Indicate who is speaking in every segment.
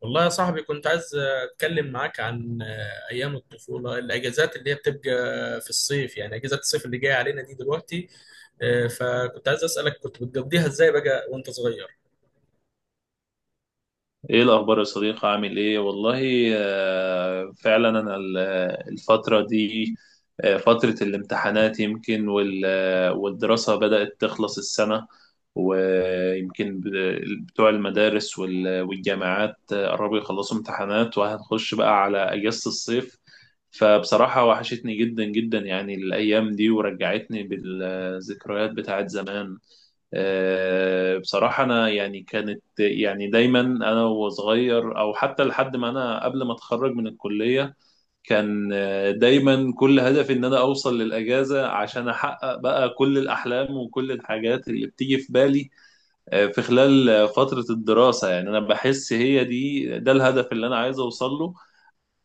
Speaker 1: والله يا صاحبي كنت عايز اتكلم معاك عن ايام الطفوله، الاجازات اللي هي بتبقى في الصيف، يعني اجازات الصيف اللي جايه علينا دي دلوقتي. فكنت عايز اسالك كنت بتقضيها ازاي بقى وانت صغير؟
Speaker 2: ايه الاخبار يا صديقي، عامل ايه والله؟ فعلا انا الفتره دي، فتره الامتحانات يمكن والدراسه بدات تخلص السنه. ويمكن بتوع المدارس والجامعات قربوا يخلصوا امتحانات وهنخش بقى على اجازه الصيف. فبصراحه وحشتني جدا جدا يعني الايام دي، ورجعتني بالذكريات بتاعت زمان. بصراحة أنا يعني كانت يعني دايما أنا وصغير، أو حتى لحد ما أنا قبل ما أتخرج من الكلية، كان دايما كل هدفي إن أنا أوصل للأجازة، عشان أحقق بقى كل الأحلام وكل الحاجات اللي بتيجي في بالي في خلال فترة الدراسة. يعني أنا بحس هي دي ده الهدف اللي أنا عايز أوصل له،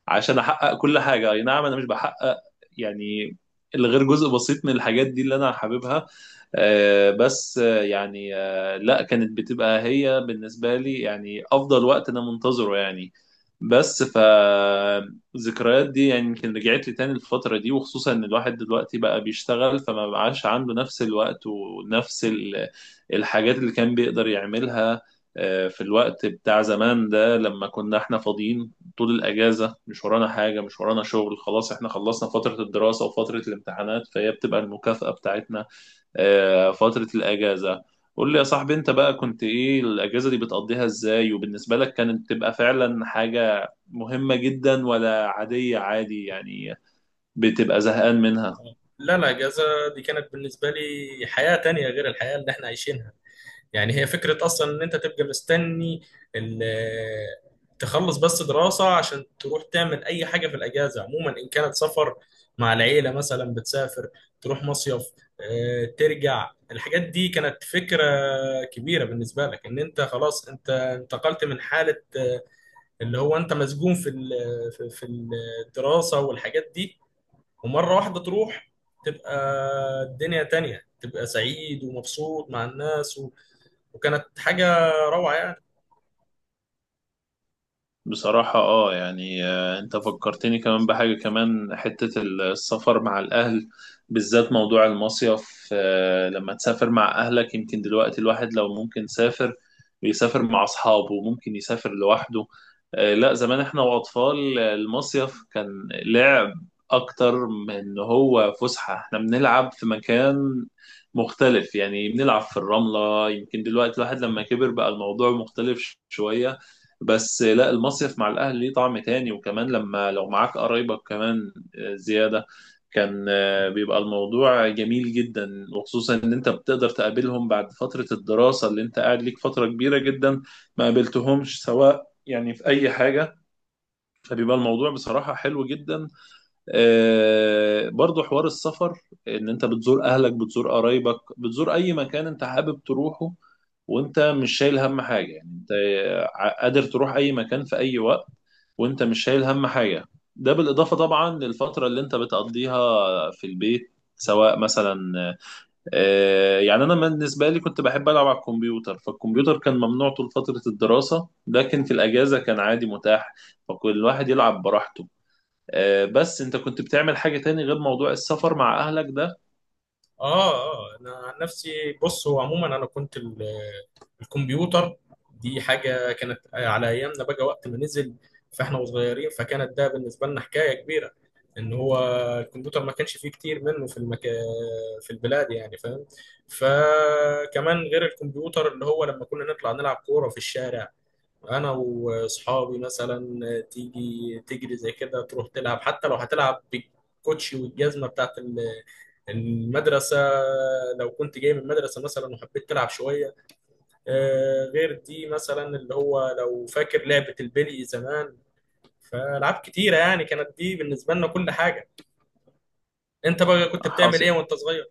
Speaker 2: عشان احقق كل حاجه. اي نعم، انا مش بحقق يعني الا غير جزء بسيط من الحاجات دي اللي انا حاببها. بس يعني لا، كانت بتبقى هي بالنسبه لي يعني افضل وقت انا منتظره يعني. بس فالذكريات دي يعني يمكن رجعت لي تاني الفترة دي، وخصوصا ان الواحد دلوقتي بقى بيشتغل، فما بقاش عنده نفس الوقت ونفس الحاجات اللي كان بيقدر يعملها في الوقت بتاع زمان ده، لما كنا احنا فاضيين طول الأجازة، مش ورانا حاجة، مش ورانا شغل، خلاص احنا خلصنا فترة الدراسة وفترة الامتحانات، فهي بتبقى المكافأة بتاعتنا، فترة الأجازة. قول لي يا صاحبي، انت بقى كنت ايه الأجازة دي بتقضيها ازاي؟ وبالنسبة لك كانت تبقى فعلا حاجة مهمة جدا، ولا عادية عادي يعني، بتبقى زهقان منها؟
Speaker 1: لا لا، اجازه دي كانت بالنسبه لي حياه تانية غير الحياه اللي احنا عايشينها. يعني هي فكرة أصلا إن أنت تبقى مستني ال- تخلص بس دراسة عشان تروح تعمل أي حاجة في الأجازة، عموما إن كانت سفر مع العيلة مثلا، بتسافر تروح مصيف. ترجع، الحاجات دي كانت فكرة كبيرة بالنسبة لك، إن أنت خلاص أنت انتقلت من حالة اللي هو أنت مسجون في الدراسة والحاجات دي، ومرة واحدة تروح تبقى الدنيا تانية، تبقى سعيد ومبسوط مع الناس. وكانت حاجة روعة يعني.
Speaker 2: بصراحة، يعني انت فكرتني كمان بحاجة، كمان حتة السفر مع الأهل، بالذات موضوع المصيف. لما تسافر مع أهلك، يمكن دلوقتي الواحد لو ممكن يسافر، بيسافر مع أصحابه، ممكن يسافر لوحده. لا، زمان احنا وأطفال، المصيف كان لعب أكتر من إن هو فسحة. احنا بنلعب في مكان مختلف، يعني بنلعب في الرملة. يمكن دلوقتي الواحد لما كبر بقى الموضوع مختلف شوية، بس لا، المصيف مع الاهل ليه طعم تاني، وكمان لما لو معاك قرايبك كمان زيادة، كان بيبقى الموضوع جميل جدا، وخصوصا ان انت بتقدر تقابلهم بعد فترة الدراسة، اللي انت قاعد ليك فترة كبيرة جدا ما قابلتهمش سواء يعني في اي حاجة. فبيبقى الموضوع بصراحة حلو جدا. برضو حوار السفر، ان انت بتزور اهلك، بتزور قرايبك، بتزور اي مكان انت حابب تروحه، وانت مش شايل هم حاجة، يعني انت قادر تروح اي مكان في اي وقت، وانت مش شايل هم حاجه. ده بالاضافه طبعا للفتره اللي انت بتقضيها في البيت، سواء مثلا يعني انا بالنسبه لي كنت بحب العب على الكمبيوتر، فالكمبيوتر كان ممنوع طول فتره الدراسه، لكن في الاجازه كان عادي متاح، فكل واحد يلعب براحته. بس انت كنت بتعمل حاجه تاني غير موضوع السفر مع اهلك ده؟
Speaker 1: اه، انا عن نفسي بص، هو عموما انا كنت الكمبيوتر دي حاجة كانت على ايامنا بقى وقت ما نزل، فاحنا وصغيرين، فكانت ده بالنسبة لنا حكاية كبيرة، ان هو الكمبيوتر ما كانش فيه كتير منه في المكا... في البلاد يعني، فاهم؟ فكمان غير الكمبيوتر، اللي هو لما كنا نطلع نلعب كورة في الشارع انا واصحابي مثلا، تيجي تجري زي كده تروح تلعب، حتى لو هتلعب بالكوتشي والجزمه بتاعت المدرسه، لو كنت جاي من المدرسه مثلا وحبيت تلعب شويه. غير دي مثلا، اللي هو لو فاكر لعبه البلي زمان، فالعاب كتيره يعني كانت، دي بالنسبه لنا كل حاجه. انت بقى كنت بتعمل ايه
Speaker 2: حاصل.
Speaker 1: وانت صغير؟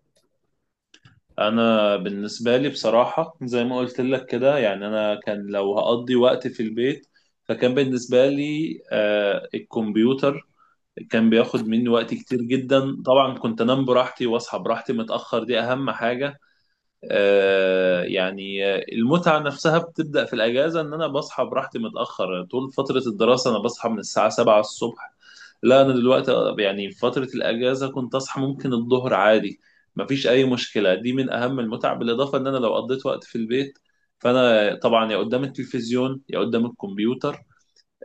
Speaker 2: انا بالنسبه لي بصراحه زي ما قلت لك كده، يعني انا كان لو هقضي وقت في البيت، فكان بالنسبه لي الكمبيوتر كان بياخد مني وقت كتير جدا. طبعا كنت انام براحتي واصحى براحتي متاخر، دي اهم حاجه. يعني المتعه نفسها بتبدا في الاجازه، ان انا بصحى براحتي متاخر. طول فتره الدراسه انا بصحى من الساعه 7 الصبح، لا انا دلوقتي، يعني في فتره الاجازه كنت اصحى ممكن الظهر عادي، مفيش اي مشكله، دي من اهم المتع. بالاضافه ان انا لو قضيت وقت في البيت، فانا طبعا يا قدام التلفزيون يا قدام الكمبيوتر.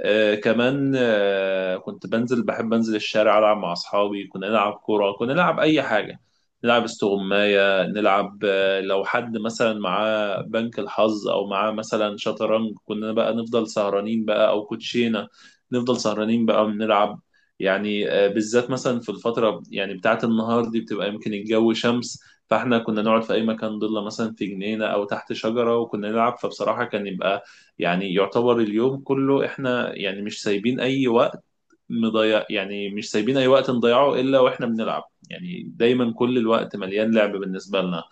Speaker 2: كمان كنت بنزل، بحب انزل الشارع العب مع اصحابي، كنا نلعب كوره، كنا نلعب اي حاجه، نلعب استغمايه، نلعب لو حد مثلا معاه بنك الحظ او معاه مثلا شطرنج، كنا بقى نفضل سهرانين بقى، او كوتشينه نفضل سهرانين بقى بنلعب. يعني بالذات مثلا في الفتره يعني بتاعه النهار دي بتبقى يمكن الجو شمس، فاحنا كنا نقعد في اي مكان ضله، مثلا في جنينه او تحت شجره، وكنا نلعب. فبصراحه كان يبقى يعني يعتبر اليوم كله احنا يعني مش سايبين اي وقت مضيع، يعني مش سايبين اي وقت نضيعه الا واحنا بنلعب. يعني دايما كل الوقت مليان لعب بالنسبة لنا.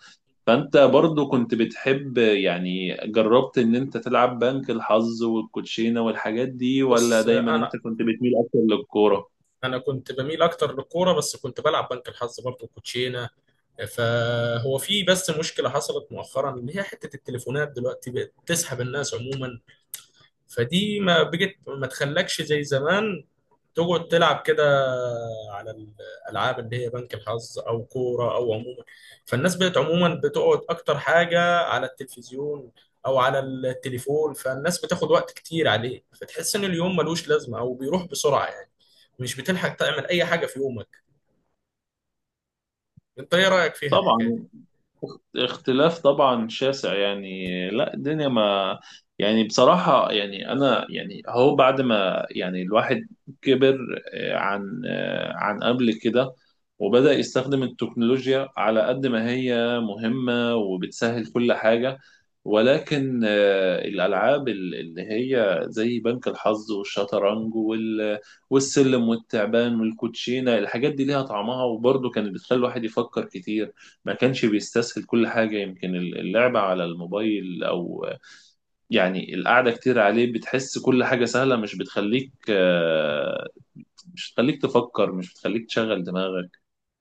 Speaker 2: فانت برضو كنت بتحب، يعني جربت ان انت تلعب بنك الحظ والكوتشينة والحاجات دي، ولا
Speaker 1: بص
Speaker 2: دايما انت
Speaker 1: انا
Speaker 2: كنت بتميل اكتر للكورة؟
Speaker 1: انا كنت بميل اكتر للكوره، بس كنت بلعب بنك الحظ برضه، كوتشينه. فهو في بس مشكله حصلت مؤخرا، اللي هي حته التليفونات دلوقتي بقت تسحب الناس عموما، فدي ما بقت ما تخلكش زي زمان تقعد تلعب كده على الالعاب اللي هي بنك الحظ او كوره او عموما. فالناس بقت عموما بتقعد اكتر حاجه على التلفزيون او على التليفون، فالناس بتاخد وقت كتير عليه، فتحس ان اليوم ملوش لازمه او بيروح بسرعه يعني، مش بتلحق تعمل اي حاجه في يومك. انت ايه رايك فيها الحكايه
Speaker 2: طبعا
Speaker 1: دي؟
Speaker 2: اختلاف طبعا شاسع يعني، لا الدنيا ما، يعني بصراحة يعني أنا يعني، هو بعد ما يعني الواحد كبر آه، عن قبل كده، وبدأ يستخدم التكنولوجيا على قد ما هي مهمة وبتسهل كل حاجة، ولكن الألعاب اللي هي زي بنك الحظ والشطرنج والسلم والتعبان والكوتشينة، الحاجات دي ليها طعمها، وبرضه كانت بتخلي الواحد يفكر كتير، ما كانش بيستسهل كل حاجة. يمكن اللعبة على الموبايل أو يعني القعدة كتير عليه بتحس كل حاجة سهلة، مش بتخليك مش بتخليك تفكر، مش بتخليك تشغل دماغك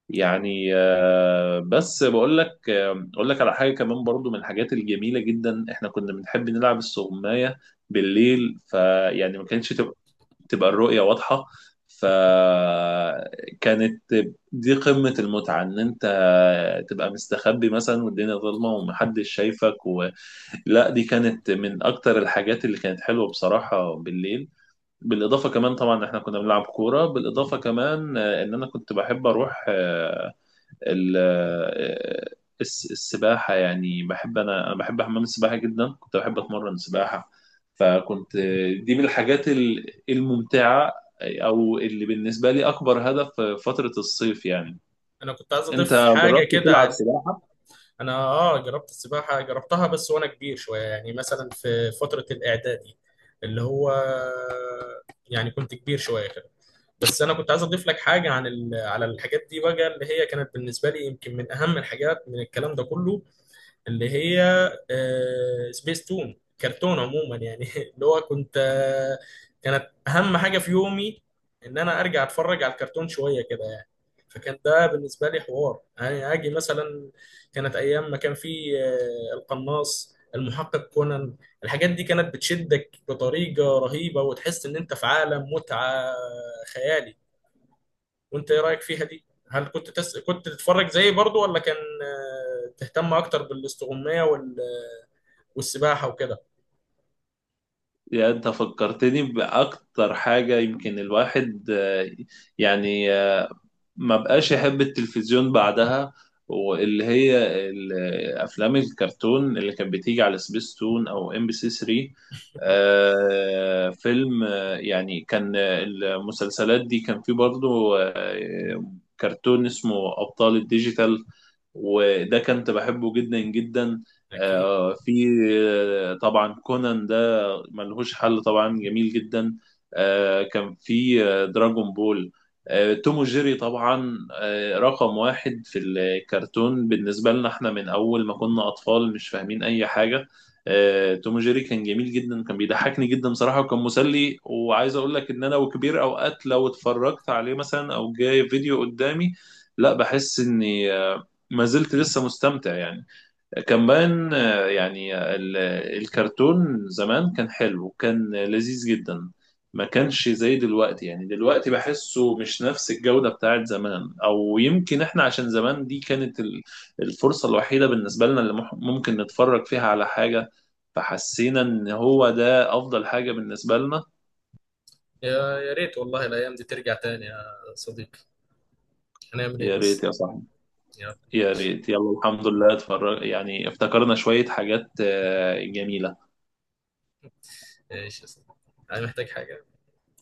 Speaker 2: يعني. بس بقول لك أقول لك على حاجة كمان برضو من الحاجات الجميلة جدا، إحنا كنا بنحب نلعب السغماية بالليل، فيعني ما كانتش تبقى الرؤية واضحة، فكانت دي قمة المتعة، إن أنت تبقى مستخبي مثلا والدنيا ظلمة ومحدش شايفك. لا، دي كانت من أكتر الحاجات اللي كانت حلوة بصراحة بالليل. بالإضافة كمان طبعا إحنا كنا بنلعب كورة. بالإضافة كمان إن أنا كنت بحب أروح ال- آه، السباحة، يعني بحب أنا أنا بحب حمام السباحة جدا، كنت بحب أتمرن سباحة، فكنت دي من الحاجات الممتعة، أو اللي بالنسبة لي أكبر هدف في فترة الصيف يعني.
Speaker 1: انا كنت عايز
Speaker 2: أنت
Speaker 1: اضيف حاجه
Speaker 2: جربت
Speaker 1: كده
Speaker 2: تلعب
Speaker 1: عن،
Speaker 2: سباحة؟
Speaker 1: انا اه جربت السباحه، جربتها بس وانا كبير شويه، يعني مثلا في فتره الاعدادي، اللي هو يعني كنت كبير شويه كده. بس انا كنت عايز اضيف لك حاجه عن ال... على الحاجات دي بقى، اللي هي كانت بالنسبه لي يمكن من اهم الحاجات من الكلام ده كله، اللي هي سبيس تون، كرتون عموما يعني، اللي هو كنت، كانت اهم حاجه في يومي ان انا ارجع اتفرج على الكرتون شويه كده يعني. فكان ده بالنسبه لي حوار، يعني اجي مثلا، كانت ايام ما كان في القناص، المحقق كونان، الحاجات دي كانت بتشدك بطريقه رهيبه وتحس ان انت في عالم متعه خيالي. وانت ايه رايك فيها دي؟ هل كنت تس... كنت تتفرج زيي برضو، ولا كان تهتم اكتر بالاستغمايه وال... والسباحه وكده؟
Speaker 2: يعني أنت فكرتني بأكتر حاجة يمكن الواحد يعني ما بقاش يحب التلفزيون بعدها، واللي هي ال- افلام الكرتون اللي كانت بتيجي على سبيستون او ام بي سي 3. فيلم يعني كان المسلسلات دي كان فيه برضو كرتون اسمه ابطال الديجيتال، وده كنت بحبه جدا جدا.
Speaker 1: أكيد.
Speaker 2: آه، في آه، طبعا كونان ده ملهوش حل، طبعا جميل جدا. كان في دراجون بول، توم وجيري طبعا رقم واحد في الكرتون بالنسبة لنا، احنا من أول ما كنا أطفال مش فاهمين أي حاجة. توم وجيري كان جميل جدا، كان بيضحكني جدا صراحة، وكان مسلي. وعايز أقول لك إن أنا وكبير أوقات لو اتفرجت عليه مثلا أو جاي فيديو قدامي، لا بحس إني ما زلت لسه مستمتع يعني. كمان يعني الكرتون زمان كان حلو، كان لذيذ جدا، ما كانش زي دلوقتي. يعني دلوقتي بحسه مش نفس الجودة بتاعت زمان، او يمكن احنا عشان زمان دي كانت الفرصة الوحيدة بالنسبة لنا، اللي ممكن نتفرج فيها على حاجة، فحسينا ان هو ده افضل حاجة بالنسبة لنا.
Speaker 1: يا يا ريت والله الأيام دي ترجع تاني يا صديقي، هنعمل إيه
Speaker 2: يا ريت
Speaker 1: بس؟
Speaker 2: يا صاحبي،
Speaker 1: يا
Speaker 2: يا
Speaker 1: ماشي،
Speaker 2: ريت. يلا الحمد لله، اتفرج يعني افتكرنا شوية حاجات جميلة.
Speaker 1: ماشي يا صديقي، أنا محتاج حاجة